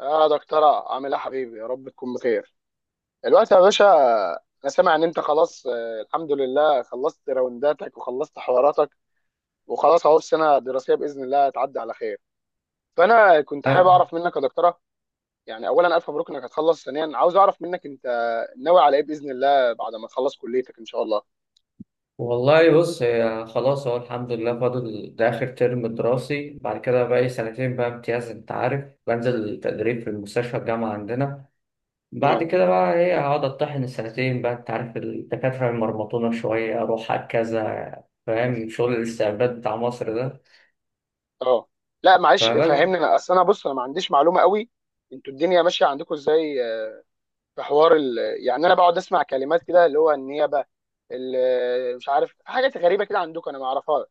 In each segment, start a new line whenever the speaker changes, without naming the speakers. اه، دكتورة، عامل ايه يا حبيبي؟ يا رب تكون بخير الوقت يا باشا. انا سامع ان انت خلاص، الحمد لله خلصت راونداتك وخلصت حواراتك وخلاص اهو السنة الدراسية بإذن الله هتعدي على خير. فانا كنت حابب
أه،
اعرف منك يا دكتورة، يعني اولا الف مبروك انك هتخلص. ثانيا عاوز اعرف منك، انت ناوي على ايه بإذن الله بعد ما تخلص كليتك ان شاء الله؟
والله بص هي خلاص، هو الحمد لله فاضل ده آخر ترم دراسي. بعد كده بقى لي سنتين بقى امتياز. أنت عارف، بنزل تدريب في المستشفى الجامعة عندنا. بعد
مم.
كده بقى إيه، هقعد أطحن السنتين بقى. أنت عارف الدكاترة المرمطونة شوية، أروح على كذا، فاهم؟ شغل الاستعباد بتاع مصر ده.
اه، لا معلش
فبس.
فهمني، انا اصل انا بص، انا ما عنديش معلومة قوي انتوا الدنيا ماشية عندكم ازاي. في حوار ال... يعني انا بقعد اسمع كلمات كده اللي هو النيابه، مش عارف، في حاجات غريبه كده عندكم انا ما اعرفها.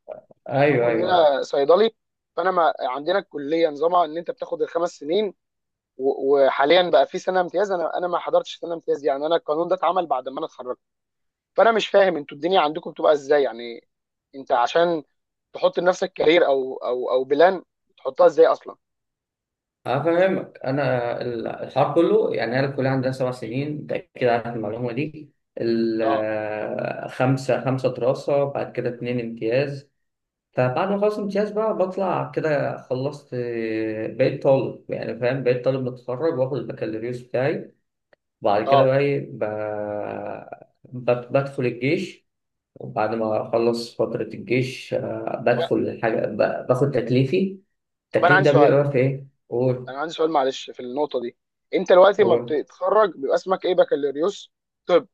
انا
أيوه
بحكم ان
أيوه أيوه.
انا صيدلي، فانا ما عندنا الكليه نظامها ان انت بتاخد ال5 سنين، و- وحاليا بقى في سنه امتياز. انا ما حضرتش سنه امتياز، يعني انا القانون ده اتعمل بعد ما انا اتخرجت. فانا مش فاهم انتوا الدنيا عندكم بتبقى ازاي يعني. انت عشان تحط لنفسك كارير او بلان، بتحطها ازاي اصلا؟
أفهمك أنا. الحوار كله، يعني أنا الكلية عندنا 7 سنين، أنت أكيد عارف المعلومة دي.
اه،
خمسة دراسة، بعد كده اتنين امتياز. فبعد ما أخلص امتياز بقى بطلع كده خلصت، بقيت طالب. يعني فاهم، بقيت طالب متخرج وآخد البكالوريوس بتاعي. وبعد كده
اه،
بقى إيه، بدخل الجيش. وبعد ما أخلص فترة الجيش،
طب
بدخل حاجة، باخد تكليفي.
طب،
التكليف ده بيبقى في إيه؟ قول.
انا عندي سؤال معلش في النقطه دي. انت دلوقتي ما
قول.
بتتخرج بيبقى اسمك ايه؟ بكالوريوس؟ طب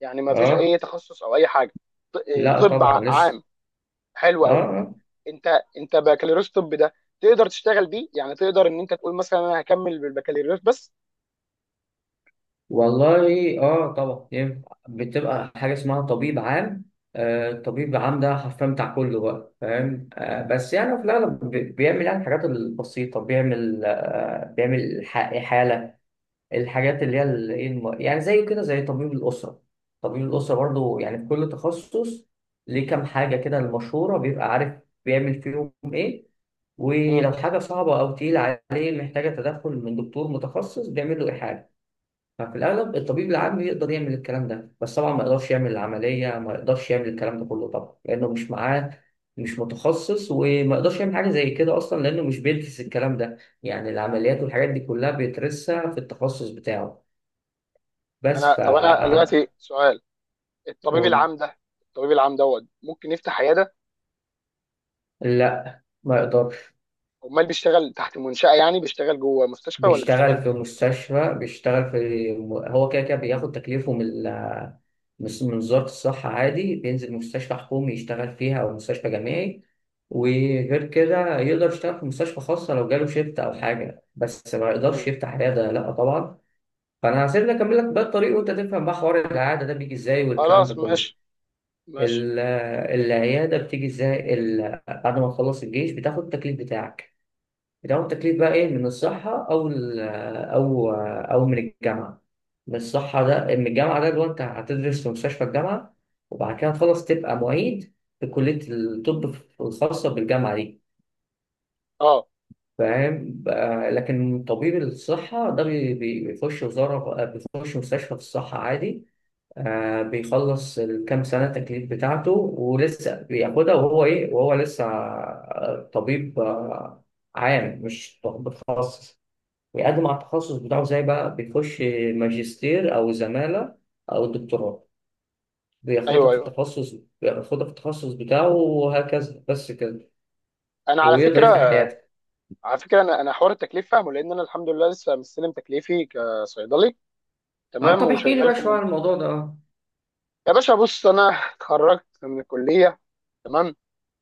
يعني ما فيش
اه،
اي تخصص او اي حاجه؟ إيه،
لا
طب
طبعا لسه.
عام؟ حلو
اه
قوي.
آه.
انت انت بكالوريوس طب ده تقدر تشتغل بيه؟ يعني تقدر ان انت تقول مثلا انا هكمل بالبكالوريوس بس؟
والله اه، طبعا ينفع. بتبقى حاجه اسمها طبيب عام. الطبيب العام ده حرفيا بتاع كله بقى. فاهم؟ بس يعني في الاغلب بيعمل يعني الحاجات البسيطه. بيعمل، بيعمل حاله. الحاجات اللي هي إيه، يعني زي كده، زي طبيب الاسره. طبيب الاسره برضه يعني في كل تخصص. ليه كام حاجه كده المشهوره بيبقى عارف بيعمل فيهم ايه.
مم.
ولو حاجة صعبة أو تقيلة عليه محتاجة تدخل من دكتور متخصص، بيعمل له إيحاء. ففي الأغلب الطبيب العام يقدر يعمل الكلام ده، بس طبعا ما يقدرش يعمل العملية، ما يقدرش يعمل الكلام ده كله طبعا، لأنه مش معاه، مش متخصص. وما يقدرش يعمل حاجة زي كده أصلا، لأنه مش بيدرس الكلام ده. يعني العمليات والحاجات دي كلها بيدرسها في التخصص بتاعه.
انا
بس ف.
طب انا دلوقتي سؤال. الطبيب
قول.
العام ده، الطبيب العام دوت ممكن يفتح عياده؟
لا ما يقدرش.
امال بيشتغل تحت منشأة؟ يعني بيشتغل جوه مستشفى ولا بيشتغل
بيشتغل في
فين؟
مستشفى، بيشتغل في. هو كده كده بياخد تكليفه من من وزارة الصحة عادي، بينزل مستشفى حكومي يشتغل فيها أو مستشفى جامعي. وغير كده يقدر يشتغل في مستشفى خاصة لو جاله شيفت أو حاجة، بس ما يقدرش
مم.
يفتح عيادة، لأ طبعا. فأنا هسيبني أكمل لك بقى الطريق، وأنت تفهم بقى حوار العيادة ده بيجي إزاي والكلام ده
خلاص
كله.
ماشي، ماشي.
ال- العيادة بتيجي إزاي، بعد ما تخلص الجيش بتاخد التكليف بتاعك. بيدعموا التكليف بقى ايه، من الصحة او او من الجامعة. من الصحة ده، من الجامعة ده اللي هو انت هتدرس في مستشفى الجامعة. وبعد كده تخلص تبقى معيد في كلية الطب الخاصة بالجامعة دي.
اه،
فاهم بقى. لكن طبيب الصحة ده بيخش وزارة، بيخش مستشفى في الصحة عادي. بيخلص الكام سنة التكليف بتاعته، ولسه بياخدها وهو ايه، وهو لسه طبيب، عام، مش طبيب خاص. ويقدم على التخصص بتاعه، زي بقى بيخش ماجستير أو زمالة أو دكتوراه، بياخدها
ايوه
في
ايوه.
التخصص. بياخدها في التخصص بتاعه، وهكذا بس كده.
انا على
ويقدر يفتح
فكره،
حياته.
على فكره انا حوار التكليف فاهمه، لان انا الحمد لله لسه مستلم تكليفي كصيدلي
اه،
تمام،
طب احكي لي
وشغال
بقى
في
شوية
مد...
عن الموضوع ده. اه.
يا باشا بص، انا اتخرجت من الكليه تمام.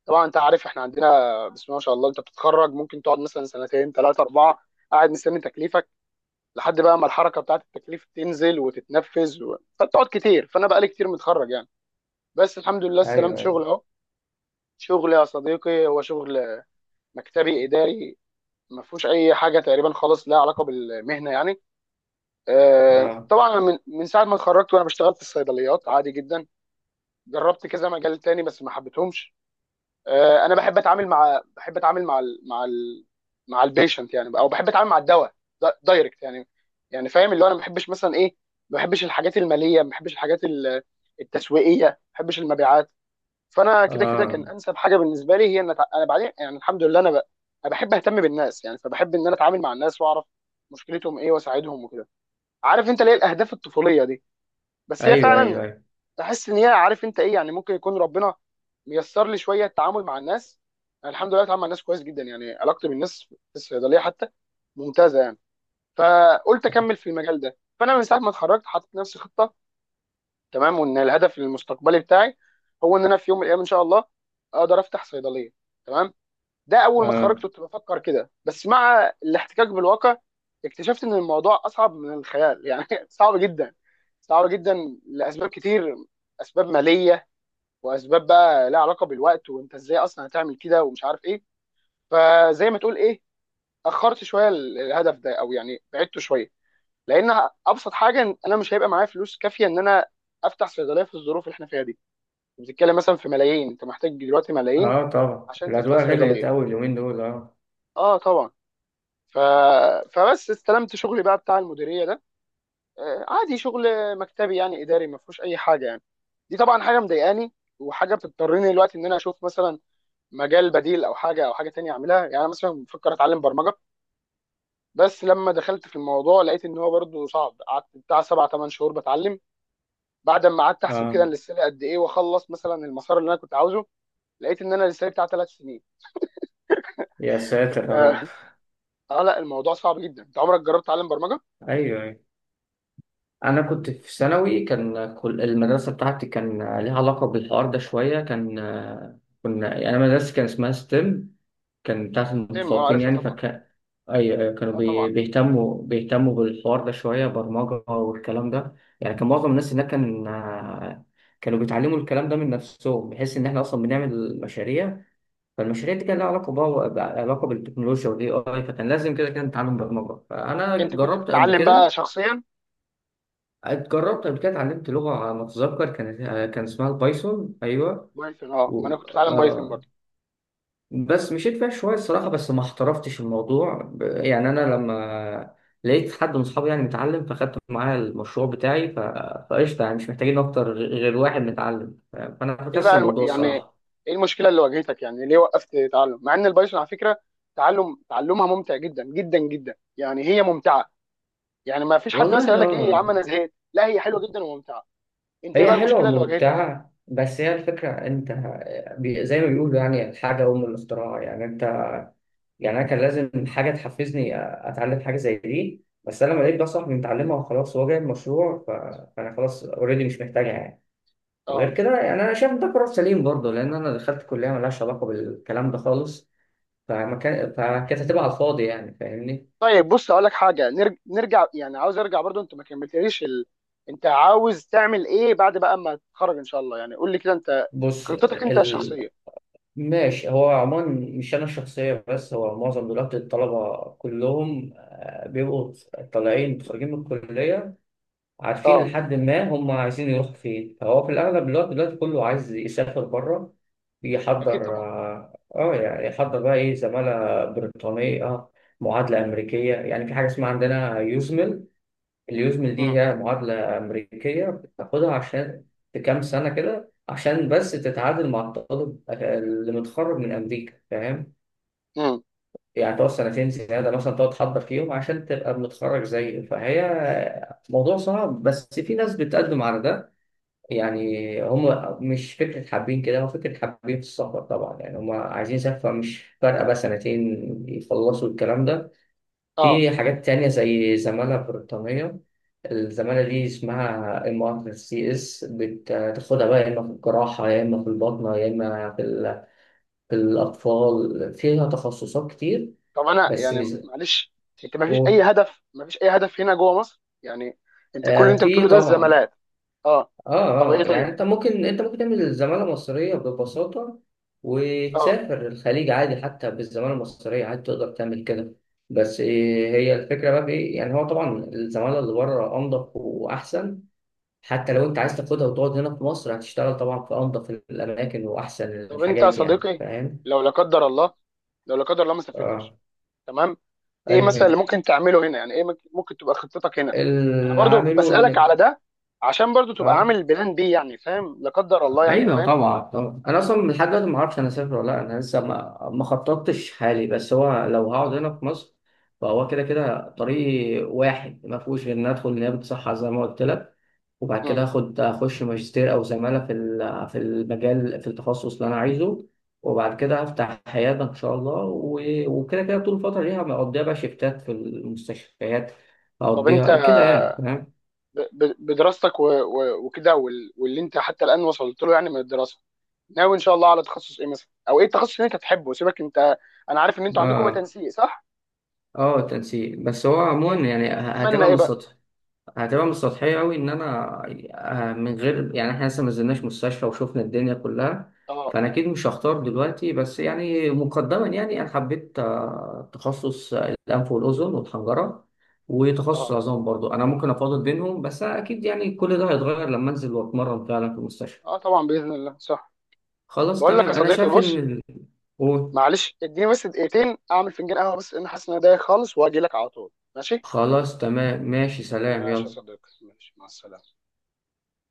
طبعا انت عارف احنا عندنا، بسم الله ما شاء الله، انت بتتخرج ممكن تقعد مثلا سنتين ثلاثه اربعه قاعد مستني تكليفك، لحد بقى ما الحركه بتاعت التكليف تنزل وتتنفذ و... فبتقعد كتير. فانا بقالي كتير متخرج يعني، بس الحمد لله استلمت
ايوه ايوه.
شغل اهو. شغل يا صديقي، هو شغل مكتبي اداري، ما فيهوش اي حاجه تقريبا خالص لها علاقه بالمهنه يعني.
اه
طبعا أنا من ساعه ما اتخرجت وانا بشتغل في الصيدليات عادي جدا. جربت كذا مجال تاني بس ما حبيتهمش. انا بحب اتعامل مع، بحب اتعامل مع ال... مع ال... مع البيشنت يعني، او بحب اتعامل مع الدواء دايركت يعني. يعني فاهم اللي هو انا ما بحبش مثلا ايه، ما بحبش الحاجات الماليه، ما بحبش الحاجات التسويقيه، ما بحبش المبيعات. فانا كده كده
اه.
كان انسب حاجه بالنسبه لي هي ان انا بعدين يعني الحمد لله انا ب... انا بحب اهتم بالناس يعني. فبحب ان انا اتعامل مع الناس واعرف مشكلتهم ايه واساعدهم وكده. عارف انت ليه الاهداف الطفوليه دي؟ بس هي
ايوه ايوه
فعلا
ايوه.
تحس ان هي، عارف انت ايه يعني، ممكن يكون ربنا ميسر لي شويه التعامل مع الناس. أنا الحمد لله بتعامل مع الناس كويس جدا يعني، علاقتي بالناس في الصيدليه حتى ممتازه يعني. فقلت اكمل في المجال ده. فانا من ساعه ما اتخرجت حاطط نفسي خطه تمام، وان الهدف المستقبلي بتاعي هو ان انا في يوم من الايام ان شاء الله اقدر افتح صيدليه تمام. ده اول ما
اه.
اتخرجت كنت بفكر كده، بس مع الاحتكاك بالواقع اكتشفت ان الموضوع اصعب من الخيال يعني صعب جدا، صعب جدا لاسباب كتير. اسباب ماليه، واسباب بقى لها علاقه بالوقت وانت ازاي اصلا هتعمل كده ومش عارف ايه. فزي ما تقول ايه، اخرت شويه الهدف ده، او يعني بعدته شويه. لان ابسط حاجه إن انا مش هيبقى معايا فلوس كافيه ان انا افتح صيدليه في الظروف اللي احنا فيها دي. بتتكلم مثلا في ملايين، انت محتاج دلوقتي ملايين
اه طبعا،
عشان تفتح
الأدوية غليت
صيدليه.
أوي اليومين دول. اه.
اه طبعا. ف... فبس استلمت شغلي بقى بتاع المديريه ده، عادي شغل مكتبي يعني اداري، ما فيهوش اي حاجه يعني. دي طبعا حاجه مضايقاني، وحاجه بتضطرني دلوقتي ان انا اشوف مثلا مجال بديل او حاجه او حاجه تانية اعملها. يعني انا مثلا بفكر اتعلم برمجه، بس لما دخلت في الموضوع لقيت ان هو برضه صعب. قعدت بتاع سبع ثمان شهور بتعلم، بعد ما قعدت احسب كده
اه،
انا لسه لي قد ايه واخلص مثلا المسار اللي انا كنت عاوزه، لقيت ان انا لسه لي بتاع 3 سنين.
يا ساتر
فانت
يا رب.
اه لا الموضوع صعب جدا. انت عمرك جربت تعلم برمجه؟
ايوه ايوه. انا كنت في ثانوي، كان المدرسه بتاعتي كان ليها علاقه بالحوار ده شويه. كان كنا يعني، انا مدرستي كان اسمها ستيم، كان بتاعت
تم، اه
المتفوقين
عارفها
يعني.
طبعا.
فكان اي، كانوا
اه طبعا.
بيهتموا بالحوار ده شويه، برمجه والكلام ده. يعني كان معظم الناس هناك كان، كانوا بيتعلموا الكلام ده من نفسهم، بحيث ان احنا اصلا بنعمل مشاريع. فالمشاريع دي كان لها علاقه، بقى علاقه بالتكنولوجيا والاي اي، فكان لازم كده كده نتعلم برمجه. فانا
انت كنت
جربت قبل
بتتعلم بقى
كده،
شخصيا؟
اتجربت قبل كده، اتعلمت لغة على ما أتذكر كانت، كان اسمها البايثون. أيوه.
بايثون، اه، ما
و...
انا كنت بتعلم بايثون
آه...
برضه.
بس مشيت فيها شوية الصراحة، بس ما احترفتش الموضوع يعني. أنا
اه.
لما لقيت حد من أصحابي يعني متعلم، فاخدت معاه المشروع بتاعي فقشطة، يعني مش محتاجين أكتر غير واحد متعلم. فأنا
ايه
فكست
بقى الم...
الموضوع
يعني
الصراحة.
ايه المشكله اللي واجهتك؟ يعني ليه وقفت تعلم؟ مع ان البايثون على فكره، تعلم، تعلمها ممتع جدا جدا جدا يعني، هي ممتعه يعني. ما فيش حد مثلا
والله
يقول لك ايه يا عم انا زهقت، لا هي حلوه جدا وممتعه. انت ايه
هي
بقى
حلوة
المشكله اللي واجهتك؟
وممتعة، بس هي الفكرة أنت، زي ما بيقولوا يعني، الحاجة أم الاختراع، يعني أنت، يعني انا كان لازم حاجه تحفزني اتعلم حاجه زي دي، بس انا لما لقيت ده صاحبي متعلمها وخلاص، هو جايب مشروع، فانا خلاص اوريدي، مش محتاجها يعني. وغير
اه
كده يعني، انا شايف ده قرار سليم برضه، لان انا دخلت كليه ملهاش علاقه بالكلام ده خالص. فما كان، فكانت هتبقى على الفاضي يعني، فاهمني؟
طيب. بص اقول لك حاجه، نرج... نرجع يعني، عاوز ارجع برضه، انت ما كملتليش ال... انت عاوز تعمل ايه بعد بقى ما تتخرج ان شاء الله؟ يعني قول لي كده انت
بص،
خطتك انت الشخصيه.
ماشي. هو عموما، مش انا الشخصيه، بس هو معظم دلوقتي الطلبه كلهم بيبقوا طالعين خارجين من الكليه، عارفين
اه.
لحد ما هم عايزين يروحوا فين. فهو في الأغلب الوقت دلوقتي كله عايز يسافر بره،
اكيد
يحضر
طبعا.
اه، يعني يحضر بقى ايه، زمالة بريطانية، معادلة أمريكية. يعني في حاجة اسمها عندنا يوزمل. اليوزمل دي
مم.
هي معادلة أمريكية بتاخدها عشان في كام سنة كده، عشان بس تتعادل مع الطالب اللي متخرج من أمريكا، فاهم؟
مم.
يعني تقعد سنتين زيادة مثلا، تقعد تحضر فيهم عشان تبقى متخرج زيه. فهي موضوع صعب، بس في ناس بتقدم على ده. يعني هم مش فكرة حابين كده، هو فكرة حابين في السفر طبعا، يعني هم عايزين يسافروا، مش فارقة بقى سنتين يخلصوا الكلام ده.
اه.
في حاجات تانية زي زمالة بريطانية. الزمالة دي اسمها MRCS، بتاخدها بقى يا اما في الجراحة، يا اما في الباطنة، يا اما في, في الأطفال. فيها تخصصات كتير.
طب انا
بس
يعني
مش.
معلش، انت ما فيش اي
و-
هدف، ما فيش اي هدف هنا جوه مصر يعني؟ انت كل اللي انت
في
بتقوله ده
طبعا.
الزمالات. اه. طب
اه
ايه
اه، يعني
طيب؟
انت ممكن تعمل زمالة مصرية ببساطة،
اه.
وتسافر الخليج عادي، حتى بالزمالة المصرية عادي تقدر تعمل كده. بس إيه هي الفكرة بقى، في ايه يعني، هو طبعا الزمالة اللي بره أنضف وأحسن. حتى لو انت عايز تاخدها وتقعد هنا في مصر، هتشتغل طبعا في أنضف الأماكن وأحسن
طب انت يا
الحاجات، يعني
صديقي،
فاهم؟
لو لا قدر الله، لو لا قدر الله ما
اه.
سافرتش تمام، ايه
ايوه
مثلا اللي
أيوة.
ممكن تعمله هنا؟ يعني ايه ممكن، ممكن تبقى خطتك هنا؟ انا
اللي
برضو
عامله
بسألك
ان،
على ده عشان برضو تبقى
اه.
عامل بلان بي، يعني فاهم، لا قدر الله، يعني
ايوه
فاهم.
طبعا طبعا، انا اصلا لحد دلوقتي ما اعرفش انا اسافر ولا لا، انا لسه ما خططتش حالي، بس هو لو هقعد
اه.
هنا في مصر، فهو كده كده طريق واحد، ما فيهوش غير ان ادخل نيابه صحه زي ما قلت لك. وبعد كده
مم.
اخش ماجستير او زماله في في المجال، في التخصص اللي انا عايزه. وبعد كده هفتح عياده ان شاء الله. وكده كده طول الفتره دي هقضيها بقى شيفتات في المستشفيات،
طب انت،
هقضيها كده يعني، فاهم؟
بدراستك و- و- وكده واللي انت حتى الآن وصلت له يعني من الدراسة، ناوي ان شاء الله على تخصص ايه مثلا؟ او ايه التخصص اللي انت تحبه؟ سيبك انت، انا عارف ان انتوا عندكم بقى
اه.
تنسيق صح؟
اه تنسيق، بس هو عموما
يعني
يعني،
تتمنى
هتبقى
ايه
من
بقى؟
السطح. هتبقى مش سطحية أوي، إن أنا من غير يعني. إحنا لسه ما نزلناش مستشفى وشوفنا الدنيا كلها،
اه.
فأنا أكيد مش هختار دلوقتي، بس يعني مقدما، يعني أنا حبيت تخصص، الأنف والأذن والحنجرة، وتخصص
اه.
عظام برضو، أنا ممكن أفاضل بينهم، بس أكيد يعني كل ده هيتغير لما أنزل وأتمرن فعلا في المستشفى.
اه طبعا باذن الله صح.
خلاص
بقول لك
تمام.
يا
أنا
صديقي
شايف إن
بص،
قول.
معلش اديني بس دقيقتين اعمل فنجان قهوه، بس لان حاسس ان انا دايخ خالص واجي لك على طول. ماشي،
خلاص تمام ماشي، سلام،
ماشي يا
يلا.
صديقي، ماشي، مع السلامه.